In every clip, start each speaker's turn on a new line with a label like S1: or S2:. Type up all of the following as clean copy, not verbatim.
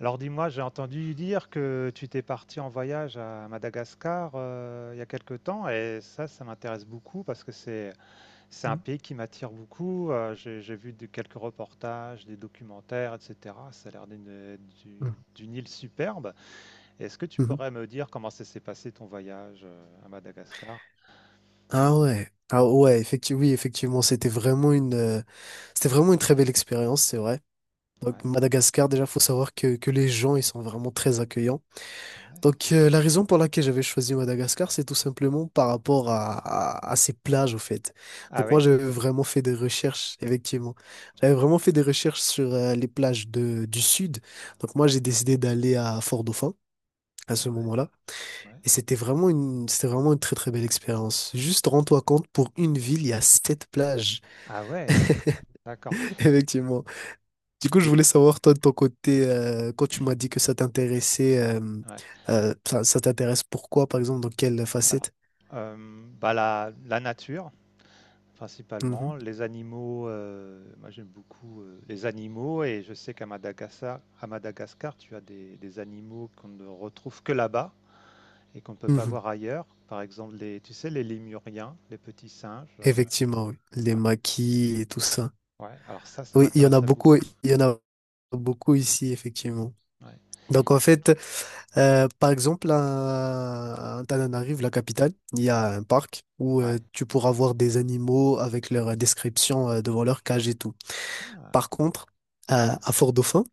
S1: Alors dis-moi, j'ai entendu dire que tu t'es parti en voyage à Madagascar, il y a quelque temps, et ça m'intéresse beaucoup parce que c'est un
S2: Mhm.
S1: pays qui m'attire beaucoup. J'ai vu quelques reportages, des documentaires, etc. Ça a l'air d'une d'une
S2: Mhm.
S1: d'une île superbe. Est-ce que tu
S2: Mhm.
S1: pourrais me dire comment ça s'est passé ton voyage, à Madagascar?
S2: Ah ouais. Ah ouais, effectivement, oui, effectivement, c'était vraiment une très belle expérience, c'est vrai. Donc
S1: Ouais.
S2: Madagascar, déjà, faut savoir que les gens, ils sont vraiment très accueillants.
S1: Ouais.
S2: Donc la raison pour laquelle j'avais choisi Madagascar, c'est tout simplement par rapport à ces plages, au fait.
S1: Ah
S2: Donc moi,
S1: oui?
S2: j'avais vraiment fait des recherches, effectivement. J'avais vraiment fait des recherches sur les plages du sud. Donc moi, j'ai décidé d'aller à Fort-Dauphin à ce
S1: Ouais,
S2: moment-là.
S1: ouais,
S2: Et c'était vraiment une très très belle expérience. Juste rends-toi compte, pour une ville, il y a sept plages.
S1: ah ouais, d'accord.
S2: Effectivement. Du coup, je
S1: Et-
S2: voulais savoir, toi, de ton côté, quand tu m'as dit que ça t'intéressait,
S1: ouais. Ouais.
S2: ça t'intéresse pourquoi, par exemple, dans quelle
S1: Alors,
S2: facette?
S1: bah, la nature.
S2: Mhm.
S1: Principalement, les animaux, moi j'aime beaucoup, les animaux, et je sais qu'à Madagascar, tu as des animaux qu'on ne retrouve que là-bas et qu'on ne peut pas
S2: Mhm.
S1: voir ailleurs. Par exemple, les, tu sais, les lémuriens, les petits singes,
S2: Effectivement, oui. Les
S1: ouais,
S2: maquis et tout ça.
S1: ouais, alors ça
S2: Oui, il y en a
S1: m'intéresserait
S2: beaucoup,
S1: beaucoup.
S2: il y en a beaucoup ici, effectivement.
S1: Ouais,
S2: Donc, en fait, par exemple, à Antananarive, la capitale, il y
S1: ouais,
S2: a un parc où
S1: ouais,
S2: tu pourras voir des animaux avec leur description devant leur cage et tout.
S1: ah,
S2: Par contre, à Fort-Dauphin,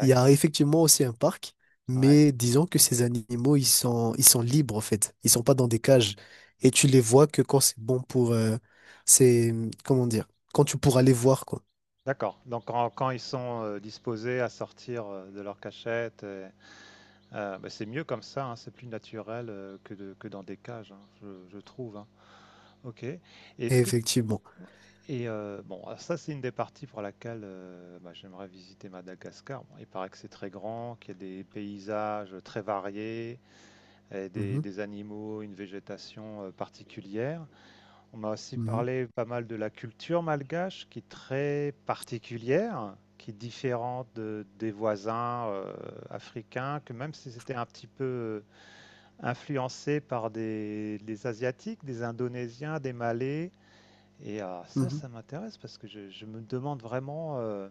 S2: il y a effectivement aussi un parc,
S1: ouais,
S2: mais disons que ces animaux, ils sont libres en fait. Ils sont pas dans des cages. Et tu les vois que quand c'est bon pour... c'est, comment dire? Quand tu pourras les voir, quoi.
S1: d'accord. Donc quand ils sont, disposés à sortir, de leur cachette. Et bah, c'est mieux comme ça, hein, c'est plus naturel, que de que dans des cages, hein, je trouve, hein. OK. Et est-ce que.
S2: Effectivement.
S1: Bon, alors ça, c'est une des parties pour laquelle, bah, j'aimerais visiter Madagascar. Bon, il paraît que c'est très grand, qu'il y a des paysages très variés, et des
S2: Mhm,
S1: des animaux, une végétation, particulière. On m'a aussi
S2: mhm,
S1: parlé pas mal de la culture malgache, qui est très particulière, qui est différente de des voisins, africains, que même si c'était un petit peu, influencé par des asiatiques, des indonésiens, des malais, et ça,
S2: mhm,
S1: ça m'intéresse parce que je me demande vraiment,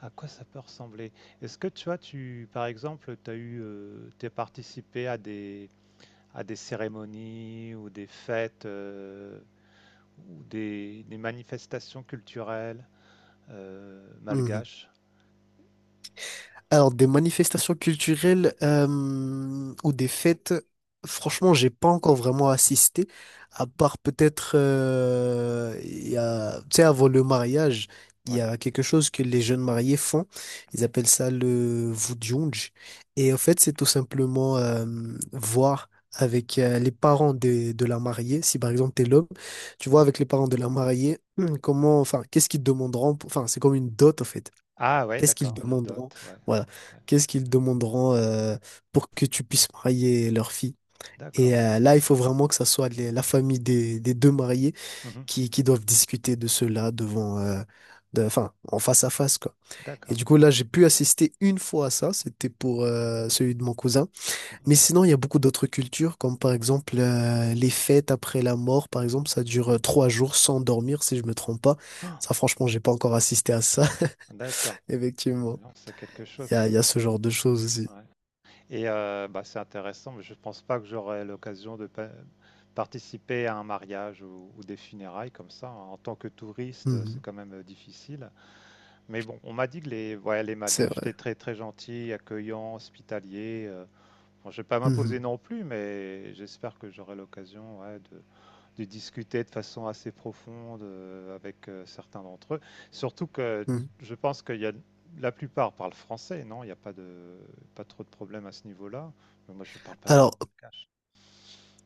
S1: à quoi ça peut ressembler. Est-ce que tu vois, tu, par exemple, t'es participé à des cérémonies ou des fêtes, ou des manifestations culturelles,
S2: mhm.
S1: malgaches?
S2: Alors, des manifestations culturelles ou des fêtes, franchement, j'ai pas encore vraiment assisté, à part peut-être, il y a, tu sais, avant le mariage, il y
S1: Ouais.
S2: a quelque chose que les jeunes mariés font. Ils appellent ça le vudjunj. Et en fait, c'est tout simplement voir avec les parents de la mariée, si par exemple t'es l'homme, tu vois
S1: Mhm.
S2: avec les parents de la mariée, comment, enfin, qu'est-ce qu'ils demanderont, enfin, c'est comme une dot en fait.
S1: Ah ouais,
S2: Qu'est-ce qu'ils
S1: d'accord, une dot,
S2: demanderont?
S1: ouais.
S2: Voilà.
S1: Ouais.
S2: Qu'est-ce qu'ils demanderont pour que tu puisses marier leur fille?
S1: D'accord.
S2: Et là, il faut vraiment que ça soit la famille des deux mariés
S1: Mhm.
S2: qui doivent discuter de cela devant, enfin, en face à face, quoi. Et
S1: D'accord.
S2: du coup, là, j'ai pu assister une fois à ça. C'était pour celui de mon cousin. Mais
S1: Mhm.
S2: sinon, il y a beaucoup d'autres cultures, comme par exemple les fêtes après la mort, par exemple, ça dure 3 jours sans dormir, si je me trompe pas.
S1: Ah,
S2: Ça, franchement, j'ai pas encore assisté à ça,
S1: d'accord.
S2: effectivement.
S1: Alors, c'est quelque chose.
S2: Il y a ce genre de choses aussi.
S1: Ouais. Et bah, c'est intéressant, mais je ne pense pas que j'aurai l'occasion de participer à un mariage, ou des funérailles comme ça, hein. En tant que touriste, c'est
S2: Mhm.
S1: quand même difficile. Mais bon, on m'a dit que les, ouais, les
S2: C'est
S1: Malgaches étaient
S2: vrai.
S1: très très gentils, accueillants, hospitaliers. Bon, je ne vais pas m'imposer
S2: Mhm.
S1: non plus, mais j'espère que j'aurai l'occasion, ouais, de discuter de façon assez profonde, avec certains d'entre eux. Surtout que
S2: Mhm.
S1: je pense qu'il y a la plupart parlent français, non? Il n'y a pas trop de problèmes à ce niveau-là. Mais moi, je parle pas du tout
S2: Alors,
S1: malgache.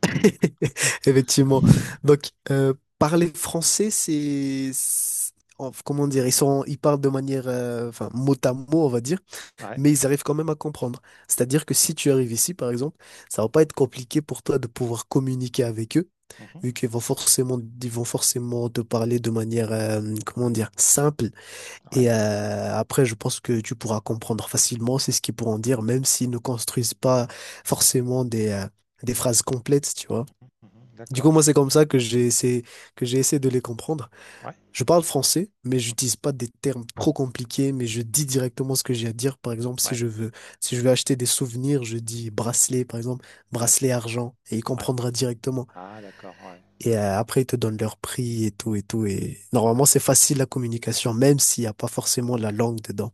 S2: effectivement. Donc, parler français, comment dire, ils parlent de manière, enfin, mot à mot, on va dire,
S1: Ouais.
S2: mais ils arrivent quand même à comprendre. C'est-à-dire que si tu arrives ici, par exemple, ça va pas être compliqué pour toi de pouvoir communiquer avec eux,
S1: Mhm.
S2: vu qu'ils vont forcément te parler de manière, comment dire, simple.
S1: Ouais.
S2: Et après, je pense que tu pourras comprendre facilement, c'est ce qu'ils pourront dire, même s'ils ne construisent pas forcément des
S1: Ouais.
S2: phrases complètes, tu vois.
S1: Mhm. Mhm.
S2: Du coup,
S1: D'accord.
S2: moi, c'est comme ça que j'ai essayé de les comprendre.
S1: Ouais.
S2: Je parle français, mais
S1: Mhm.
S2: j'utilise pas des termes trop compliqués, mais je dis directement ce que j'ai à dire. Par exemple, si
S1: Ouais.
S2: je veux, si je veux acheter des souvenirs, je dis bracelet, par exemple,
S1: Ouais.
S2: bracelet argent, et il
S1: Ouais.
S2: comprendra directement.
S1: Ah, d'accord. Ouais.
S2: Et
S1: D'accord.
S2: après, ils te donnent leur prix et tout et tout. Et
S1: Ouais.
S2: normalement, c'est facile la communication, même s'il n'y a pas forcément la langue dedans.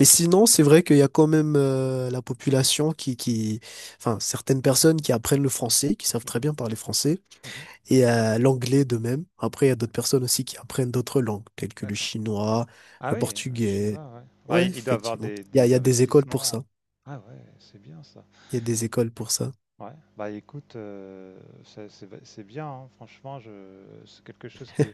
S2: Mais sinon, c'est vrai qu'il y a quand même la population enfin, certaines personnes qui apprennent le français, qui savent très
S1: Mhm.
S2: bien parler français,
S1: Mhm.
S2: et l'anglais de même. Après, il y a d'autres personnes aussi qui apprennent d'autres langues, telles que le
S1: D'accord.
S2: chinois,
S1: Ah
S2: le
S1: oui, le
S2: portugais.
S1: chinois, ouais. Ouais,
S2: Ouais,
S1: il doit avoir
S2: effectivement.
S1: des,
S2: Il y
S1: des
S2: a des écoles pour
S1: investissements.
S2: ça.
S1: Ah ouais, c'est bien ça.
S2: Il y a des écoles pour ça.
S1: Ouais, bah écoute, c'est bien, hein, franchement, je c'est quelque chose qui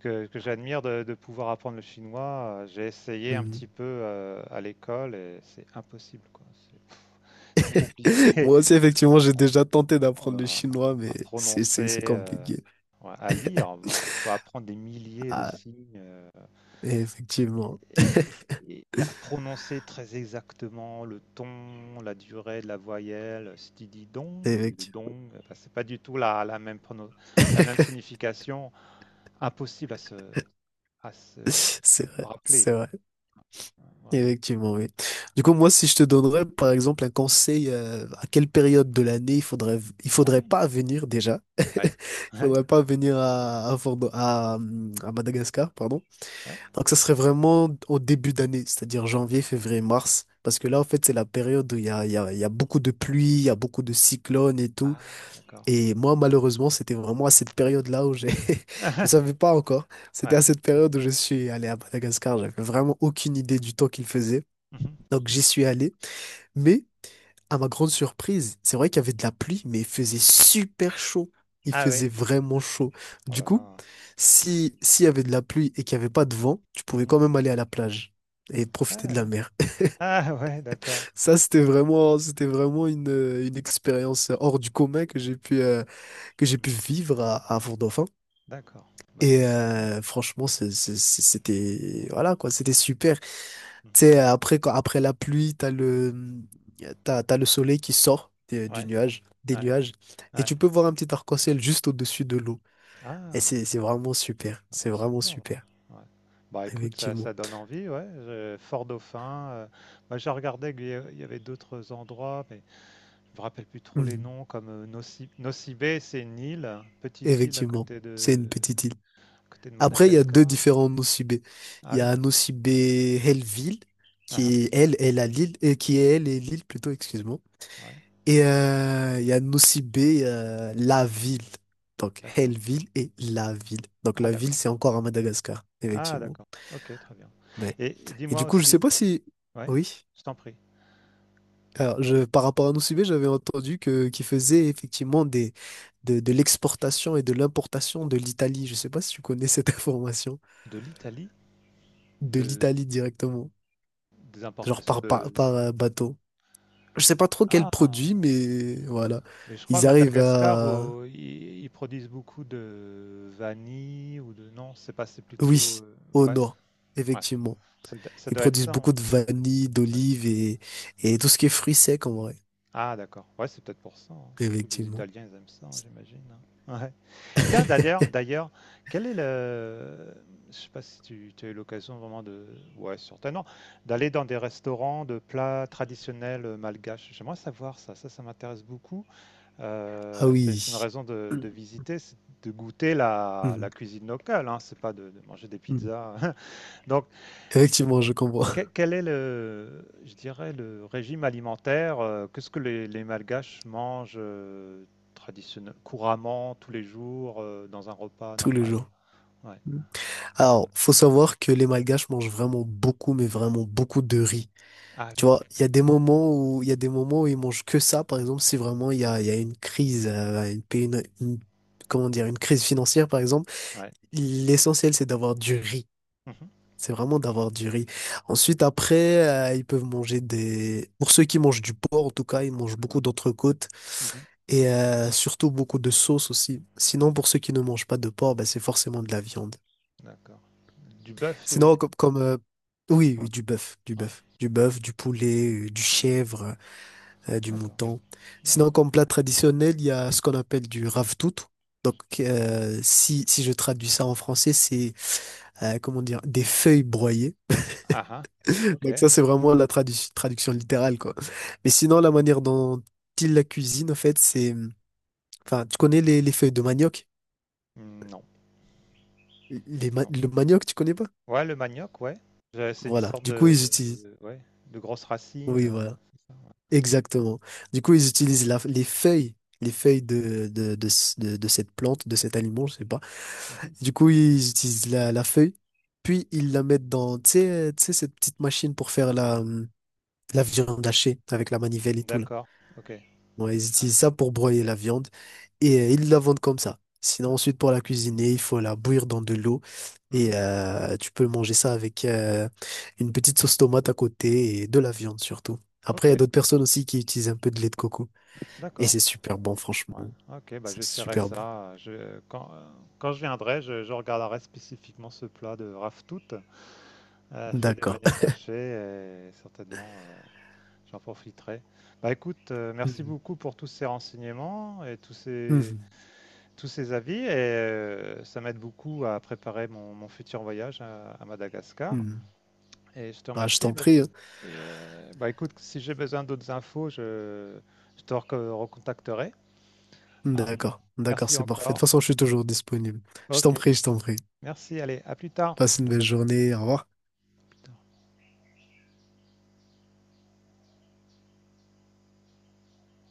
S1: que j'admire, de pouvoir apprendre le chinois. J'ai essayé un petit
S2: Mhm.
S1: peu, à l'école, et c'est impossible, quoi. C'est trop compliqué.
S2: Moi aussi, effectivement, j'ai déjà tenté
S1: Oh
S2: d'apprendre
S1: là
S2: le
S1: là,
S2: chinois,
S1: à
S2: mais c'est, c'est,
S1: prononcer,
S2: c'est compliqué.
S1: ouais, à lire, bon, il faut apprendre des milliers de
S2: Ah,
S1: signes.
S2: effectivement.
S1: Et et à prononcer très exactement le ton, la durée de la voyelle, si tu dis dong au lieu de
S2: Effectivement.
S1: dong, enfin, c'est pas du tout la même prono la même signification, impossible à se
S2: C'est vrai.
S1: rappeler,
S2: C'est vrai.
S1: hein, vraiment.
S2: Effectivement, oui. Du coup, moi, si je te donnerais, par exemple, un conseil, à quelle période de l'année il faudrait, il
S1: Ah
S2: faudrait
S1: oui?
S2: pas venir déjà.
S1: Ouais,
S2: Il
S1: ouais,
S2: faudrait pas venir à Madagascar, pardon.
S1: ouais.
S2: Donc, ça serait vraiment au début d'année, c'est-à-dire janvier, février, mars. Parce que là, en fait, c'est la période où il y a, il y a, il y a beaucoup de pluie, il y a beaucoup de cyclones et tout.
S1: Ah, d'accord.
S2: Et moi, malheureusement, c'était vraiment à cette période-là où j'ai, je savais pas encore. C'était
S1: Ouais.
S2: à cette période où je suis allé à Madagascar. J'avais vraiment aucune idée du temps qu'il faisait.
S1: Mmh.
S2: Donc j'y suis allé, mais à ma grande surprise, c'est vrai qu'il y avait de la pluie, mais il faisait super chaud. Il
S1: Ah
S2: faisait
S1: oui.
S2: vraiment chaud.
S1: Oh
S2: Du
S1: là
S2: coup,
S1: là.
S2: si s'il y avait de la pluie et qu'il n'y avait pas de vent, tu pouvais
S1: Mmh.
S2: quand même aller à la plage et
S1: Ah
S2: profiter de la
S1: ouais.
S2: mer.
S1: Ah ouais, d'accord,
S2: Ça, c'était vraiment une expérience hors du commun que j'ai pu vivre à Fort-Dauphin.
S1: d'accord. Bah, c'est
S2: Et
S1: super.
S2: franchement, c'était, voilà quoi, c'était super. Tu sais,
S1: Mmh.
S2: après, quand, après la pluie, t'as le soleil qui sort du
S1: Ouais,
S2: des
S1: ouais,
S2: nuages, et
S1: ouais.
S2: tu peux voir un petit arc-en-ciel juste au-dessus de l'eau. Et
S1: Ah!
S2: c'est vraiment super.
S1: Ah,
S2: C'est
S1: c'est
S2: vraiment
S1: super, ouais.
S2: super.
S1: Ouais. Bah écoute, ça,
S2: Effectivement.
S1: ça donne envie, ouais. Fort Dauphin, bah, j'ai regardé il y avait d'autres endroits, mais je me rappelle plus trop les
S2: Mhm.
S1: noms, comme Nosy Bay, c'est une île, hein, petite île à
S2: Effectivement.
S1: côté
S2: C'est
S1: de,
S2: une petite île.
S1: à côté de
S2: Après, il y a deux
S1: Madagascar.
S2: différents Nosy.
S1: Ah
S2: Il y
S1: oui.
S2: a Nosy Be Helleville, qui
S1: Ah,
S2: est elle, elle à Lille, et qui est elle et Lille plutôt, excuse-moi.
S1: ah, ouais.
S2: Et il y a Nocibé, la ville. Donc,
S1: D'accord.
S2: Hellville et la ville. Donc,
S1: Ah,
S2: la ville,
S1: d'accord.
S2: c'est encore à Madagascar,
S1: Ah,
S2: effectivement.
S1: d'accord. Ok, très bien.
S2: Ouais.
S1: Et
S2: Et
S1: dis-moi
S2: du coup, je sais
S1: aussi,
S2: pas si...
S1: ouais,
S2: Oui.
S1: je t'en prie.
S2: Alors, par rapport à Nocibé, j'avais entendu que qu'il faisait effectivement de l'exportation et de l'importation de l'Italie. Je sais pas si tu connais cette information.
S1: De l'Italie,
S2: De
S1: de,
S2: l'Italie directement.
S1: des
S2: Genre
S1: importations
S2: par, par,
S1: de.
S2: par bateau. Je sais pas trop quel produit,
S1: Ah.
S2: mais voilà.
S1: Mais je crois à
S2: Ils arrivent
S1: Madagascar,
S2: à...
S1: ils produisent beaucoup de vanille ou Non, c'est pas, c'est plutôt,
S2: Oui, au
S1: ouais,
S2: nord,
S1: ouais.
S2: effectivement.
S1: Ça, ça
S2: Ils
S1: doit être
S2: produisent
S1: ça, hein.
S2: beaucoup de vanille,
S1: Ouais.
S2: d'olive et tout ce qui est fruits secs en vrai.
S1: Ah, d'accord. Ouais, c'est peut-être pour ça, hein. Surtout les
S2: Effectivement.
S1: Italiens, ils aiment ça, hein, j'imagine, hein. Ouais. Tiens, d'ailleurs, quel est le. Je sais pas si tu as eu l'occasion vraiment Ouais, certainement. D'aller dans des restaurants de plats traditionnels, malgaches. J'aimerais savoir ça. Ça m'intéresse beaucoup.
S2: Ah
S1: C'est une
S2: oui.
S1: raison de visiter, c'est de goûter la,
S2: Hmm,
S1: la cuisine locale, hein, c'est pas de manger des
S2: hmm.
S1: pizzas. Donc,
S2: Effectivement, je comprends.
S1: quel est le, je dirais, le régime alimentaire? Qu'est-ce que les Malgaches mangent, couramment, tous les jours, dans un repas
S2: Tous les
S1: normal?
S2: jours.
S1: Ouais.
S2: Hmm. Alors, faut savoir que les Malgaches mangent vraiment beaucoup, mais vraiment beaucoup de riz.
S1: Ah
S2: Tu
S1: oui.
S2: vois, il y a des moments où ils mangent que ça. Par exemple, si vraiment il y a une crise, comment dire, une crise financière, par exemple,
S1: Ouais.
S2: l'essentiel c'est d'avoir du riz.
S1: Mhm,
S2: C'est vraiment d'avoir du riz. Ensuite, après, ils peuvent manger des... Pour ceux qui mangent du porc, en tout cas, ils mangent beaucoup d'entrecôtes
S1: mhm.
S2: et surtout beaucoup de sauce aussi. Sinon, pour ceux qui ne mangent pas de porc, bah, c'est forcément de la viande.
S1: D'accord. Du bœuf, tu veux dire?
S2: Sinon, comme... comme oui, oui, du bœuf, du
S1: Ouais.
S2: bœuf. Du bœuf, du poulet, du
S1: Ah ouais.
S2: chèvre, du
S1: D'accord,
S2: mouton. Sinon,
S1: d'accord.
S2: comme plat traditionnel, il y a ce qu'on appelle du ravtout. Donc, si je traduis ça en français, c'est, comment dire, des feuilles broyées.
S1: Ah ah. Ok.
S2: Donc ça, c'est vraiment la traduction littérale, quoi. Mais sinon, la manière dont il la cuisine, en fait, c'est... Enfin, tu connais les feuilles de manioc?
S1: Hmm, non.
S2: Le manioc, tu connais pas?
S1: Ouais, le manioc, ouais. C'est une
S2: Voilà.
S1: sorte
S2: Du coup,
S1: de,
S2: ils utilisent...
S1: ouais, de grosse racine.
S2: Oui, voilà. Exactement. Du coup, ils utilisent les feuilles de cette plante, de cet aliment, je sais pas.
S1: Mhm.
S2: Du coup, ils utilisent la feuille, puis ils la mettent dans, tu sais, cette petite machine pour faire la viande hachée avec la manivelle et tout, là.
S1: D'accord. Ok. Ouais,
S2: Ouais, ils utilisent ça pour broyer
S1: ok.
S2: la viande et ils la vendent comme ça. Sinon,
S1: D'accord.
S2: ensuite, pour la cuisiner, il faut la bouillir dans de l'eau
S1: Mhm.
S2: et tu peux manger ça avec une petite sauce tomate à côté et de la viande surtout. Après,
S1: Ok.
S2: il y a d'autres personnes aussi qui utilisent un peu de lait de coco et
S1: D'accord.
S2: c'est super bon, franchement.
S1: Ouais. Ok. Bah,
S2: C'est
S1: j'essaierai
S2: super bon.
S1: ça. Quand quand je viendrai, je regarderai spécifiquement ce plat de raftout, fait de
S2: D'accord.
S1: manioc haché, et certainement, j'en profiterai. Bah, écoute, merci
S2: Mhm.
S1: beaucoup pour tous ces renseignements et tous ces
S2: Mhm.
S1: tous ces avis, et ça m'aide beaucoup à préparer mon futur voyage à Madagascar.
S2: Mhm.
S1: Et je te
S2: Ah, je
S1: remercie.
S2: t'en prie. Hein.
S1: Et bah, écoute, si j'ai besoin d'autres infos, je te recontacterai, hein.
S2: D'accord. D'accord,
S1: Merci
S2: c'est parfait. De toute
S1: encore.
S2: façon, je suis toujours disponible. Je t'en
S1: Ok,
S2: prie, je t'en prie.
S1: merci. Allez, à plus tard.
S2: Passe une belle journée. Au revoir.